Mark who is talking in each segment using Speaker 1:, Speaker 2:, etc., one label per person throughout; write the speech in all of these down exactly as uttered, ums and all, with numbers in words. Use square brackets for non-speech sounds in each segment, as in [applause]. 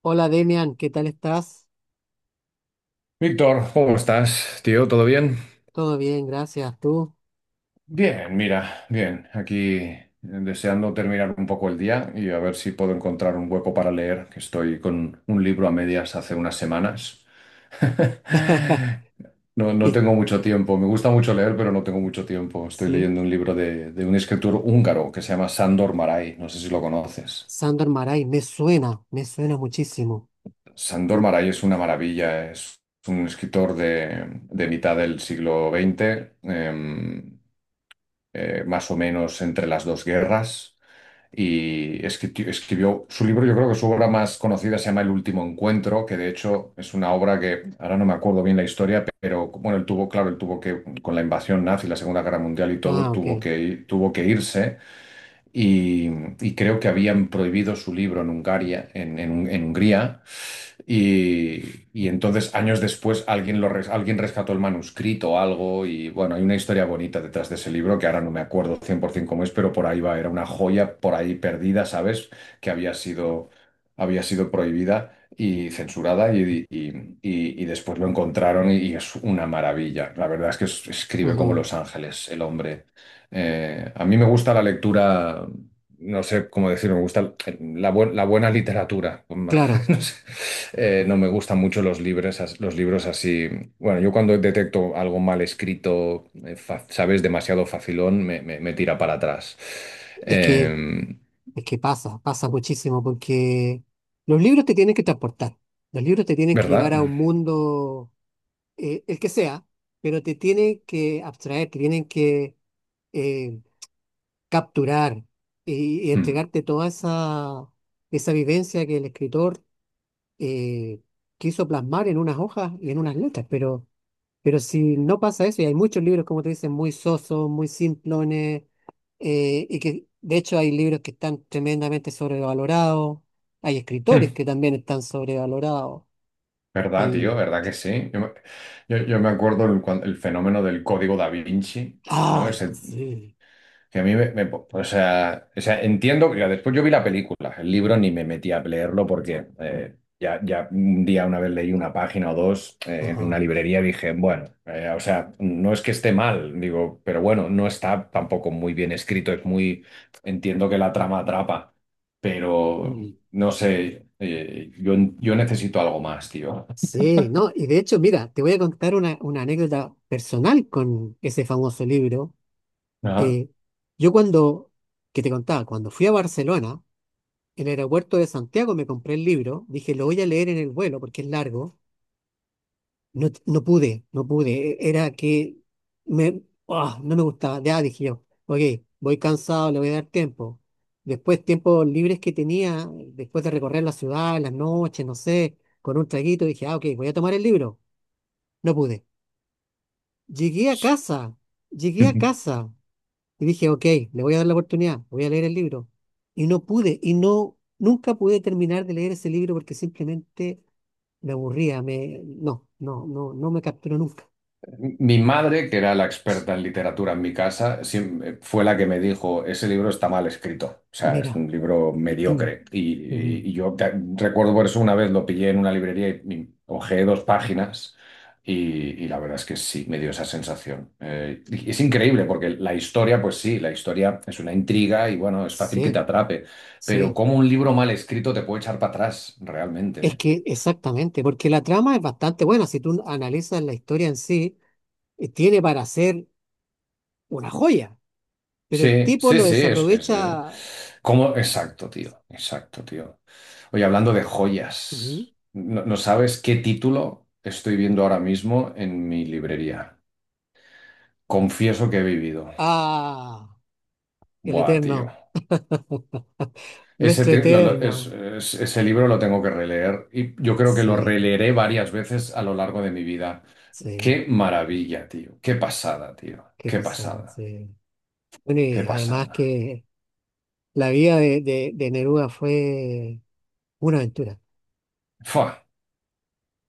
Speaker 1: Hola Demian, ¿qué tal estás?
Speaker 2: Víctor, ¿cómo estás, tío? ¿Todo bien?
Speaker 1: Todo bien, gracias. ¿Tú?
Speaker 2: Bien, mira, bien, aquí eh, deseando terminar un poco el día y a ver si puedo encontrar un hueco para leer, que estoy con un libro a medias hace unas semanas. [laughs]
Speaker 1: [laughs]
Speaker 2: No, no
Speaker 1: Y-
Speaker 2: tengo mucho tiempo, me gusta mucho leer, pero no tengo mucho tiempo. Estoy
Speaker 1: sí,
Speaker 2: leyendo un libro de, de un escritor húngaro que se llama Sándor Márai, no sé si lo conoces.
Speaker 1: Sandor Maray, me suena, me suena muchísimo.
Speaker 2: Sándor
Speaker 1: Y-
Speaker 2: Márai es una maravilla, es un escritor de, de mitad del siglo veinte, eh, más o menos entre las dos guerras. Y escri- escribió su libro, yo creo que su obra más conocida se llama El último encuentro, que de hecho es una obra que ahora no me acuerdo bien la historia, pero bueno, él tuvo, claro, él tuvo que, con la invasión nazi, la Segunda Guerra Mundial y todo,
Speaker 1: Ah, ok.
Speaker 2: tuvo que, ir- tuvo que irse y, y creo que habían prohibido su libro en Hungaria, en, en, en Hungría. Y, y entonces, años después, alguien, lo res- alguien rescató el manuscrito o algo. Y bueno, hay una historia bonita detrás de ese libro que ahora no me acuerdo cien por ciento cómo es, pero por ahí va. Era una joya por ahí perdida, ¿sabes? Que había sido, había sido prohibida y censurada. Y, y- y- y después lo encontraron y, y es una maravilla. La verdad es que es- escribe como
Speaker 1: Ujú.
Speaker 2: Los Ángeles, el hombre. Eh, a mí me gusta la lectura, no sé cómo decirlo, me gusta la, bu- la buena literatura.
Speaker 1: Claro,
Speaker 2: [laughs] No sé. Eh, no me gustan mucho los libros, as- los libros así. Bueno, yo cuando detecto algo mal escrito, eh, fa- sabes, demasiado facilón, me, me- me tira para atrás.
Speaker 1: es que,
Speaker 2: Eh,
Speaker 1: es que pasa, pasa muchísimo porque los libros te tienen que transportar, los libros te tienen que
Speaker 2: ¿Verdad?
Speaker 1: llevar a un mundo. Eh, el que sea, pero te tienen que abstraer, te tienen que eh, capturar y, y
Speaker 2: Hmm.
Speaker 1: entregarte toda esa, esa vivencia que el escritor eh, quiso plasmar en unas hojas y en unas letras. Pero, pero si no pasa eso, y hay muchos libros, como te dicen, muy sosos, muy simplones, eh, y que de hecho hay libros que están tremendamente sobrevalorados, hay
Speaker 2: Hmm.
Speaker 1: escritores que también están sobrevalorados.
Speaker 2: ¿Verdad, tío?
Speaker 1: Y,
Speaker 2: ¿Verdad que sí? Yo me, yo- yo me acuerdo el, cuan- el fenómeno del Código Da Vinci, ¿no?
Speaker 1: ay,
Speaker 2: Ese.
Speaker 1: sí,
Speaker 2: Que a mí me, me- o sea, o sea, entiendo que después yo vi la película, el libro ni me metí a leerlo porque eh, ya, ya un día una vez leí una página o dos eh, en una
Speaker 1: ajá.
Speaker 2: librería y dije, bueno, eh, o sea, no es que esté mal, digo, pero bueno, no está tampoco muy bien escrito, es muy... Entiendo que la trama atrapa, pero
Speaker 1: Mm.
Speaker 2: no sé, eh, yo, yo necesito algo más, tío.
Speaker 1: Sí, no, y de hecho, mira, te voy a contar una, una anécdota personal con ese famoso libro.
Speaker 2: Ajá.
Speaker 1: Eh, yo cuando, que te contaba, cuando fui a Barcelona, en el aeropuerto de Santiago me compré el libro, dije, lo voy a leer en el vuelo porque es largo, no, t- no pude, no pude, e- era que me, ah, no me gustaba, ya dije yo, ok, voy cansado, le voy a dar tiempo. Después, tiempos libres que tenía, después de recorrer la ciudad, en las noches, no sé, con un traguito, dije, ah, ok, voy a tomar el libro, no pude. Llegué a casa, llegué a casa y dije, ok, le voy a dar la oportunidad, voy a leer el libro. Y no pude, y no, nunca pude terminar de leer ese libro porque simplemente me aburría, me, no, no, no, no me capturó nunca.
Speaker 2: Mi madre, que era la experta en literatura en mi casa, siem- fue la que me dijo, ese libro está mal escrito, o sea, es
Speaker 1: Mira.
Speaker 2: un libro
Speaker 1: [clears throat]
Speaker 2: mediocre. Y,
Speaker 1: Ujú.
Speaker 2: y- y yo te- recuerdo por eso una vez lo pillé en una librería y, y hojeé dos páginas y, y la verdad es que sí, me dio esa sensación. Eh, y es increíble porque la historia, pues sí, la historia es una intriga y bueno, es fácil que te
Speaker 1: Sí,
Speaker 2: atrape, pero
Speaker 1: sí,
Speaker 2: cómo un libro mal escrito te puede echar para atrás, realmente,
Speaker 1: es
Speaker 2: ¿eh?
Speaker 1: que exactamente, porque la trama es bastante buena, si tú analizas la historia en sí, eh, tiene para ser una joya, pero el
Speaker 2: Sí,
Speaker 1: tipo
Speaker 2: sí,
Speaker 1: lo
Speaker 2: sí, es, es, eh,
Speaker 1: desaprovecha.
Speaker 2: ¿cómo? Exacto, tío, exacto, tío. Oye, hablando de
Speaker 1: Ujú.
Speaker 2: joyas, no, no sabes qué título estoy viendo ahora mismo en mi librería. Confieso que he vivido.
Speaker 1: A el
Speaker 2: Buah, tío.
Speaker 1: eterno. [laughs]
Speaker 2: Ese,
Speaker 1: Nuestro
Speaker 2: te- lo- lo- es-
Speaker 1: eterno.
Speaker 2: es- ese libro lo tengo que releer y yo creo que lo
Speaker 1: Sí,
Speaker 2: releeré varias veces a lo largo de mi vida.
Speaker 1: sí,
Speaker 2: Qué maravilla, tío. Qué pasada, tío.
Speaker 1: qué
Speaker 2: Qué
Speaker 1: pasó,
Speaker 2: pasada.
Speaker 1: sí. Bueno,
Speaker 2: Qué
Speaker 1: y además
Speaker 2: pasada.
Speaker 1: que la vida de, de, de Neruda fue una aventura.
Speaker 2: Fua,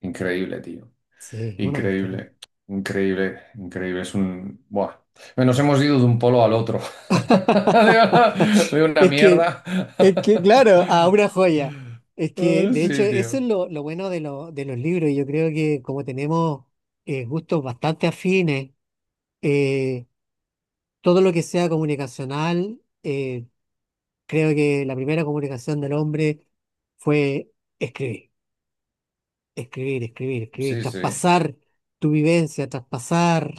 Speaker 2: increíble, tío.
Speaker 1: Sí, una aventura.
Speaker 2: Increíble, increíble, increíble. Es un... Buah. Bueno, nos hemos ido de un polo al otro. [laughs] De una, de
Speaker 1: [laughs]
Speaker 2: una
Speaker 1: Es que,
Speaker 2: mierda.
Speaker 1: es que, claro, a
Speaker 2: [laughs]
Speaker 1: una joya. Es que,
Speaker 2: Ah,
Speaker 1: de hecho,
Speaker 2: sí,
Speaker 1: eso es
Speaker 2: tío.
Speaker 1: lo, lo bueno de, lo- de los libros. Yo creo que como tenemos eh, gustos bastante afines, eh, todo lo que sea comunicacional, eh, creo que la primera comunicación del hombre fue escribir, escribir, escribir, escribir,
Speaker 2: Sí, sí.
Speaker 1: traspasar tu vivencia, traspasar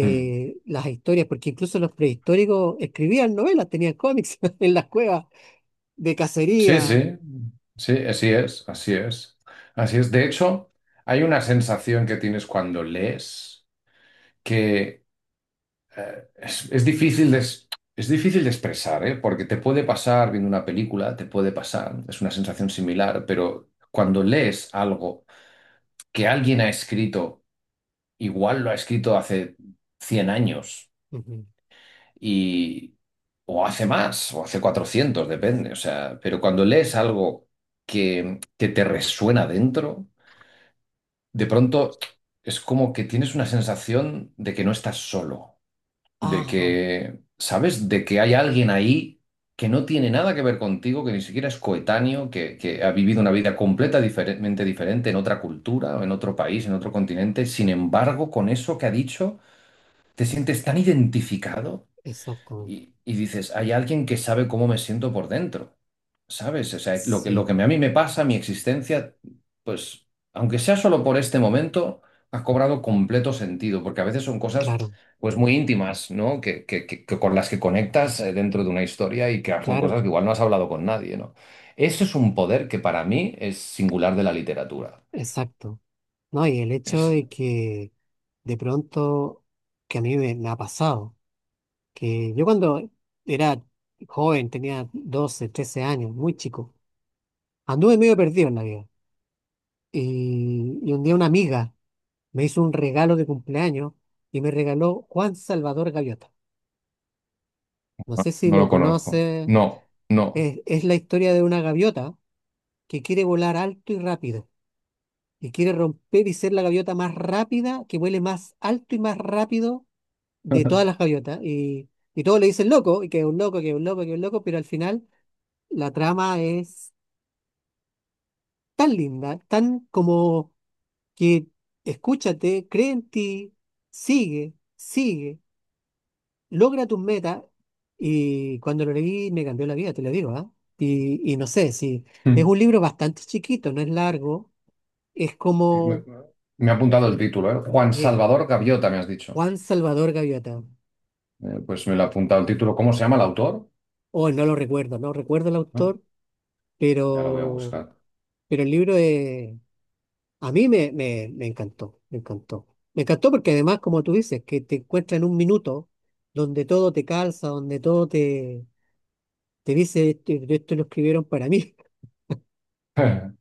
Speaker 2: Hmm.
Speaker 1: las historias, porque incluso los prehistóricos escribían novelas, tenían cómics [laughs] en las cuevas de
Speaker 2: Sí,
Speaker 1: cacería.
Speaker 2: sí. Sí, así es, así es. Así es. De hecho, hay una sensación que tienes cuando lees que eh, es, es difícil de, es es difícil de expresar, ¿eh? Porque te puede pasar viendo una película, te puede pasar, es una sensación similar, pero cuando lees algo que alguien ha escrito, igual lo ha escrito hace cien años
Speaker 1: Ujú.
Speaker 2: y o hace más o hace cuatrocientos, depende, o sea, pero cuando lees algo que, que te resuena dentro, de pronto es como que tienes una sensación de que no estás solo, de
Speaker 1: Ajá,
Speaker 2: que, ¿sabes? De que hay alguien ahí que no tiene nada que ver contigo, que ni siquiera es coetáneo, que, que ha vivido una vida completa diferentemente diferente en otra cultura, o en otro país, en otro continente. Sin embargo, con eso que ha dicho, te sientes tan identificado
Speaker 1: exactamente.
Speaker 2: y, y dices, hay alguien que sabe cómo me siento por dentro, ¿sabes? O sea, lo que, lo
Speaker 1: Sí,
Speaker 2: que a mí me pasa, mi existencia, pues, aunque sea solo por este momento, ha cobrado completo sentido, porque a veces son cosas,
Speaker 1: claro,
Speaker 2: pues, muy íntimas, ¿no? Que, que- que- que con las que conectas, eh, dentro de una historia y que son cosas
Speaker 1: claro,
Speaker 2: que igual no has hablado con nadie, ¿no? Eso es un poder que para mí es singular de la literatura.
Speaker 1: exacto. No, y el hecho
Speaker 2: Es-
Speaker 1: de que de pronto, que a mí me me ha pasado que yo cuando era joven, tenía doce trece años, muy chico, anduve medio perdido en la vida. Y, y un día una amiga me hizo un regalo de cumpleaños y me regaló Juan Salvador Gaviota. No sé si
Speaker 2: no
Speaker 1: lo
Speaker 2: lo conozco.
Speaker 1: conoce,
Speaker 2: No, no.
Speaker 1: es, es la historia de una gaviota que quiere volar alto y rápido y quiere romper y ser la gaviota más rápida, que vuele más alto y más rápido de todas las
Speaker 2: [laughs]
Speaker 1: gaviotas. Y, y todos le dicen loco, y que es un loco, que es un loco, que es un loco, pero al final la trama es tan linda, tan como que escúchate, cree en ti, sigue, sigue, logra tus metas. Y cuando lo leí me cambió la vida, te lo digo, ¿ah? Y, y no sé, si es un libro bastante chiquito, no es largo, es
Speaker 2: Me,
Speaker 1: como
Speaker 2: me ha apuntado el título, ¿eh? Juan
Speaker 1: eh,
Speaker 2: Salvador Gaviota, me has dicho.
Speaker 1: Juan Salvador Gaviota.
Speaker 2: Eh, pues me lo ha apuntado el título. ¿Cómo se llama el autor?
Speaker 1: Oh, no lo recuerdo, no recuerdo el
Speaker 2: ¿No?
Speaker 1: autor,
Speaker 2: Ya lo voy a
Speaker 1: pero,
Speaker 2: buscar.
Speaker 1: pero el libro es, a mí me, me, me encantó, me encantó. Me encantó porque además, como tú dices, que te encuentras en un minuto donde todo te calza, donde todo te, te dice, esto, esto lo escribieron para mí.
Speaker 2: [laughs]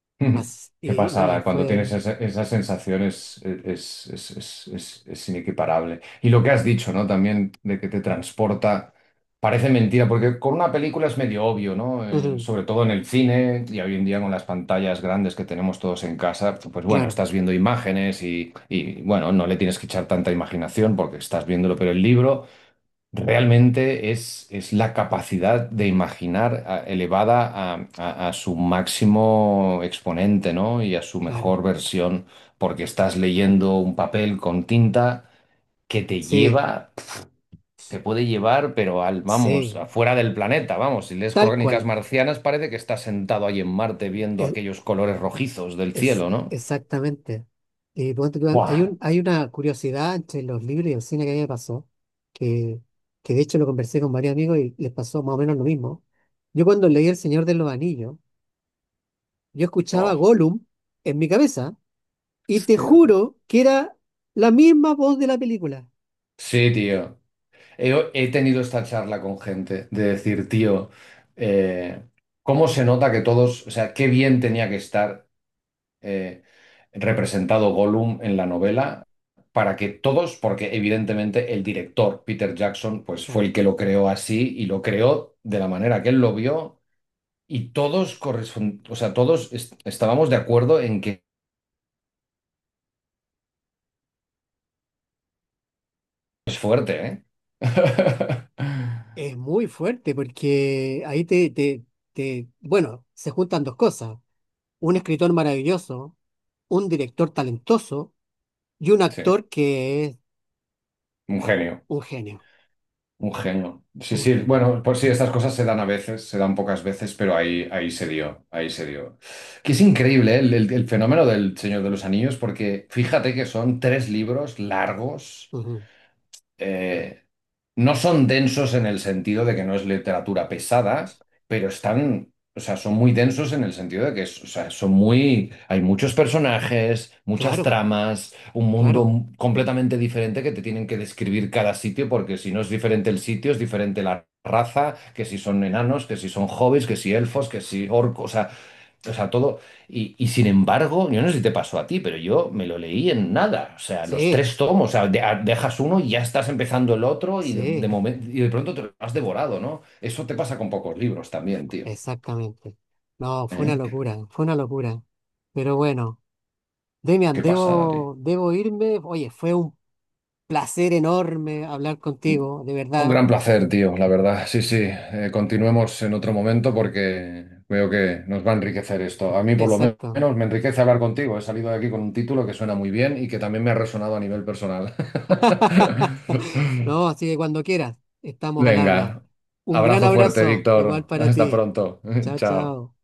Speaker 2: [laughs]
Speaker 1: [laughs]
Speaker 2: Ujú.
Speaker 1: Así,
Speaker 2: Qué
Speaker 1: y no, y
Speaker 2: pasada, cuando tienes
Speaker 1: fue...
Speaker 2: esa, esa sensación es, es, es- es- es- es inequiparable. Y lo que has dicho, ¿no? También de que te transporta, parece mentira, porque con una película es medio obvio, ¿no? Eh,
Speaker 1: ujú,
Speaker 2: sobre todo en el cine y hoy en día con las pantallas grandes que tenemos todos en casa, pues bueno,
Speaker 1: claro,
Speaker 2: estás viendo imágenes y, y bueno, no le tienes que echar tanta imaginación porque estás viéndolo, pero el libro... Realmente es, es la capacidad de imaginar a- elevada a, a- a su máximo exponente, ¿no? Y a su
Speaker 1: claro.
Speaker 2: mejor versión, porque estás leyendo un papel con tinta que te
Speaker 1: Sí,
Speaker 2: lleva, te puede llevar, pero al, vamos,
Speaker 1: sí.
Speaker 2: afuera del planeta, vamos, si lees
Speaker 1: Tal
Speaker 2: Crónicas
Speaker 1: cual.
Speaker 2: Marcianas parece que estás sentado ahí en Marte viendo
Speaker 1: Es,
Speaker 2: aquellos colores rojizos del
Speaker 1: es
Speaker 2: cielo, ¿no?
Speaker 1: exactamente. Y ponte tú,
Speaker 2: ¡Buah!
Speaker 1: hay un, hay una curiosidad entre los libros y el cine que a mí me pasó, que, que de hecho lo conversé con varios amigos y les pasó más o menos lo mismo. Yo cuando leí El Señor de los Anillos, yo escuchaba
Speaker 2: Oh,
Speaker 1: Gollum en mi cabeza y te
Speaker 2: hostia, tío.
Speaker 1: juro que era la misma voz de la película.
Speaker 2: Sí, tío. He, he tenido esta charla con gente de decir, tío, eh, ¿cómo se nota que todos, o sea, qué bien tenía que estar eh, representado Gollum en la novela para que todos, porque evidentemente el director Peter Jackson, pues fue el
Speaker 1: Claro,
Speaker 2: que lo creó así y lo creó de la manera que él lo vio y todos correspon- o sea, todos est- estábamos de acuerdo en que es fuerte, ¿eh? [laughs]
Speaker 1: es muy fuerte porque ahí te, te, te, bueno, se juntan dos cosas. Un escritor maravilloso, un director talentoso y un
Speaker 2: Sí,
Speaker 1: actor que es
Speaker 2: un genio.
Speaker 1: un genio,
Speaker 2: Un genio. Sí,
Speaker 1: un
Speaker 2: sí,
Speaker 1: genio.
Speaker 2: bueno, pues sí, estas cosas se dan a veces, se dan pocas veces, pero ahí, ahí se dio, ahí se dio. Que es increíble, ¿eh? el, el- el fenómeno del Señor de los Anillos, porque fíjate que son tres libros largos,
Speaker 1: Ujú.
Speaker 2: eh, no son densos en el sentido de que no es literatura pesada, pero están, o sea, son muy densos en el sentido de que, es- o sea, son muy, hay muchos personajes, muchas
Speaker 1: Claro,
Speaker 2: tramas, un
Speaker 1: claro.
Speaker 2: mundo completamente diferente que te tienen que describir cada sitio, porque si no es diferente el sitio, es diferente la raza, que si son enanos, que si son hobbits, que si elfos, que si orcos, o sea, todo. Y, y sin embargo, yo no sé si te pasó a ti, pero yo me lo leí en nada. O sea, los
Speaker 1: Sí,
Speaker 2: tres tomos. O sea, de- a- dejas uno y ya estás empezando el otro y de, de
Speaker 1: sí,
Speaker 2: momento, y de pronto te lo has devorado, ¿no? Eso te pasa con pocos libros también, tío.
Speaker 1: exactamente. No, fue una
Speaker 2: ¿Eh? Qué,
Speaker 1: locura, fue una locura. Pero bueno. Demian,
Speaker 2: qué pasada, tío.
Speaker 1: debo, debo irme. Oye, fue un placer enorme hablar contigo, de
Speaker 2: Un
Speaker 1: verdad.
Speaker 2: gran placer, tío, la verdad. Sí, sí. Eh, continuemos en otro momento porque veo que nos va a enriquecer esto. A mí, por lo men-
Speaker 1: Exacto.
Speaker 2: menos, me enriquece hablar contigo. He salido de aquí con un título que suena muy bien y que también me ha resonado a nivel personal.
Speaker 1: [laughs] No,
Speaker 2: [laughs]
Speaker 1: así que cuando quieras, estamos al habla.
Speaker 2: Venga,
Speaker 1: Un gran
Speaker 2: abrazo fuerte,
Speaker 1: abrazo, igual
Speaker 2: Víctor. [laughs]
Speaker 1: para
Speaker 2: Hasta
Speaker 1: ti.
Speaker 2: pronto. [laughs]
Speaker 1: Chao,
Speaker 2: Chao.
Speaker 1: chao.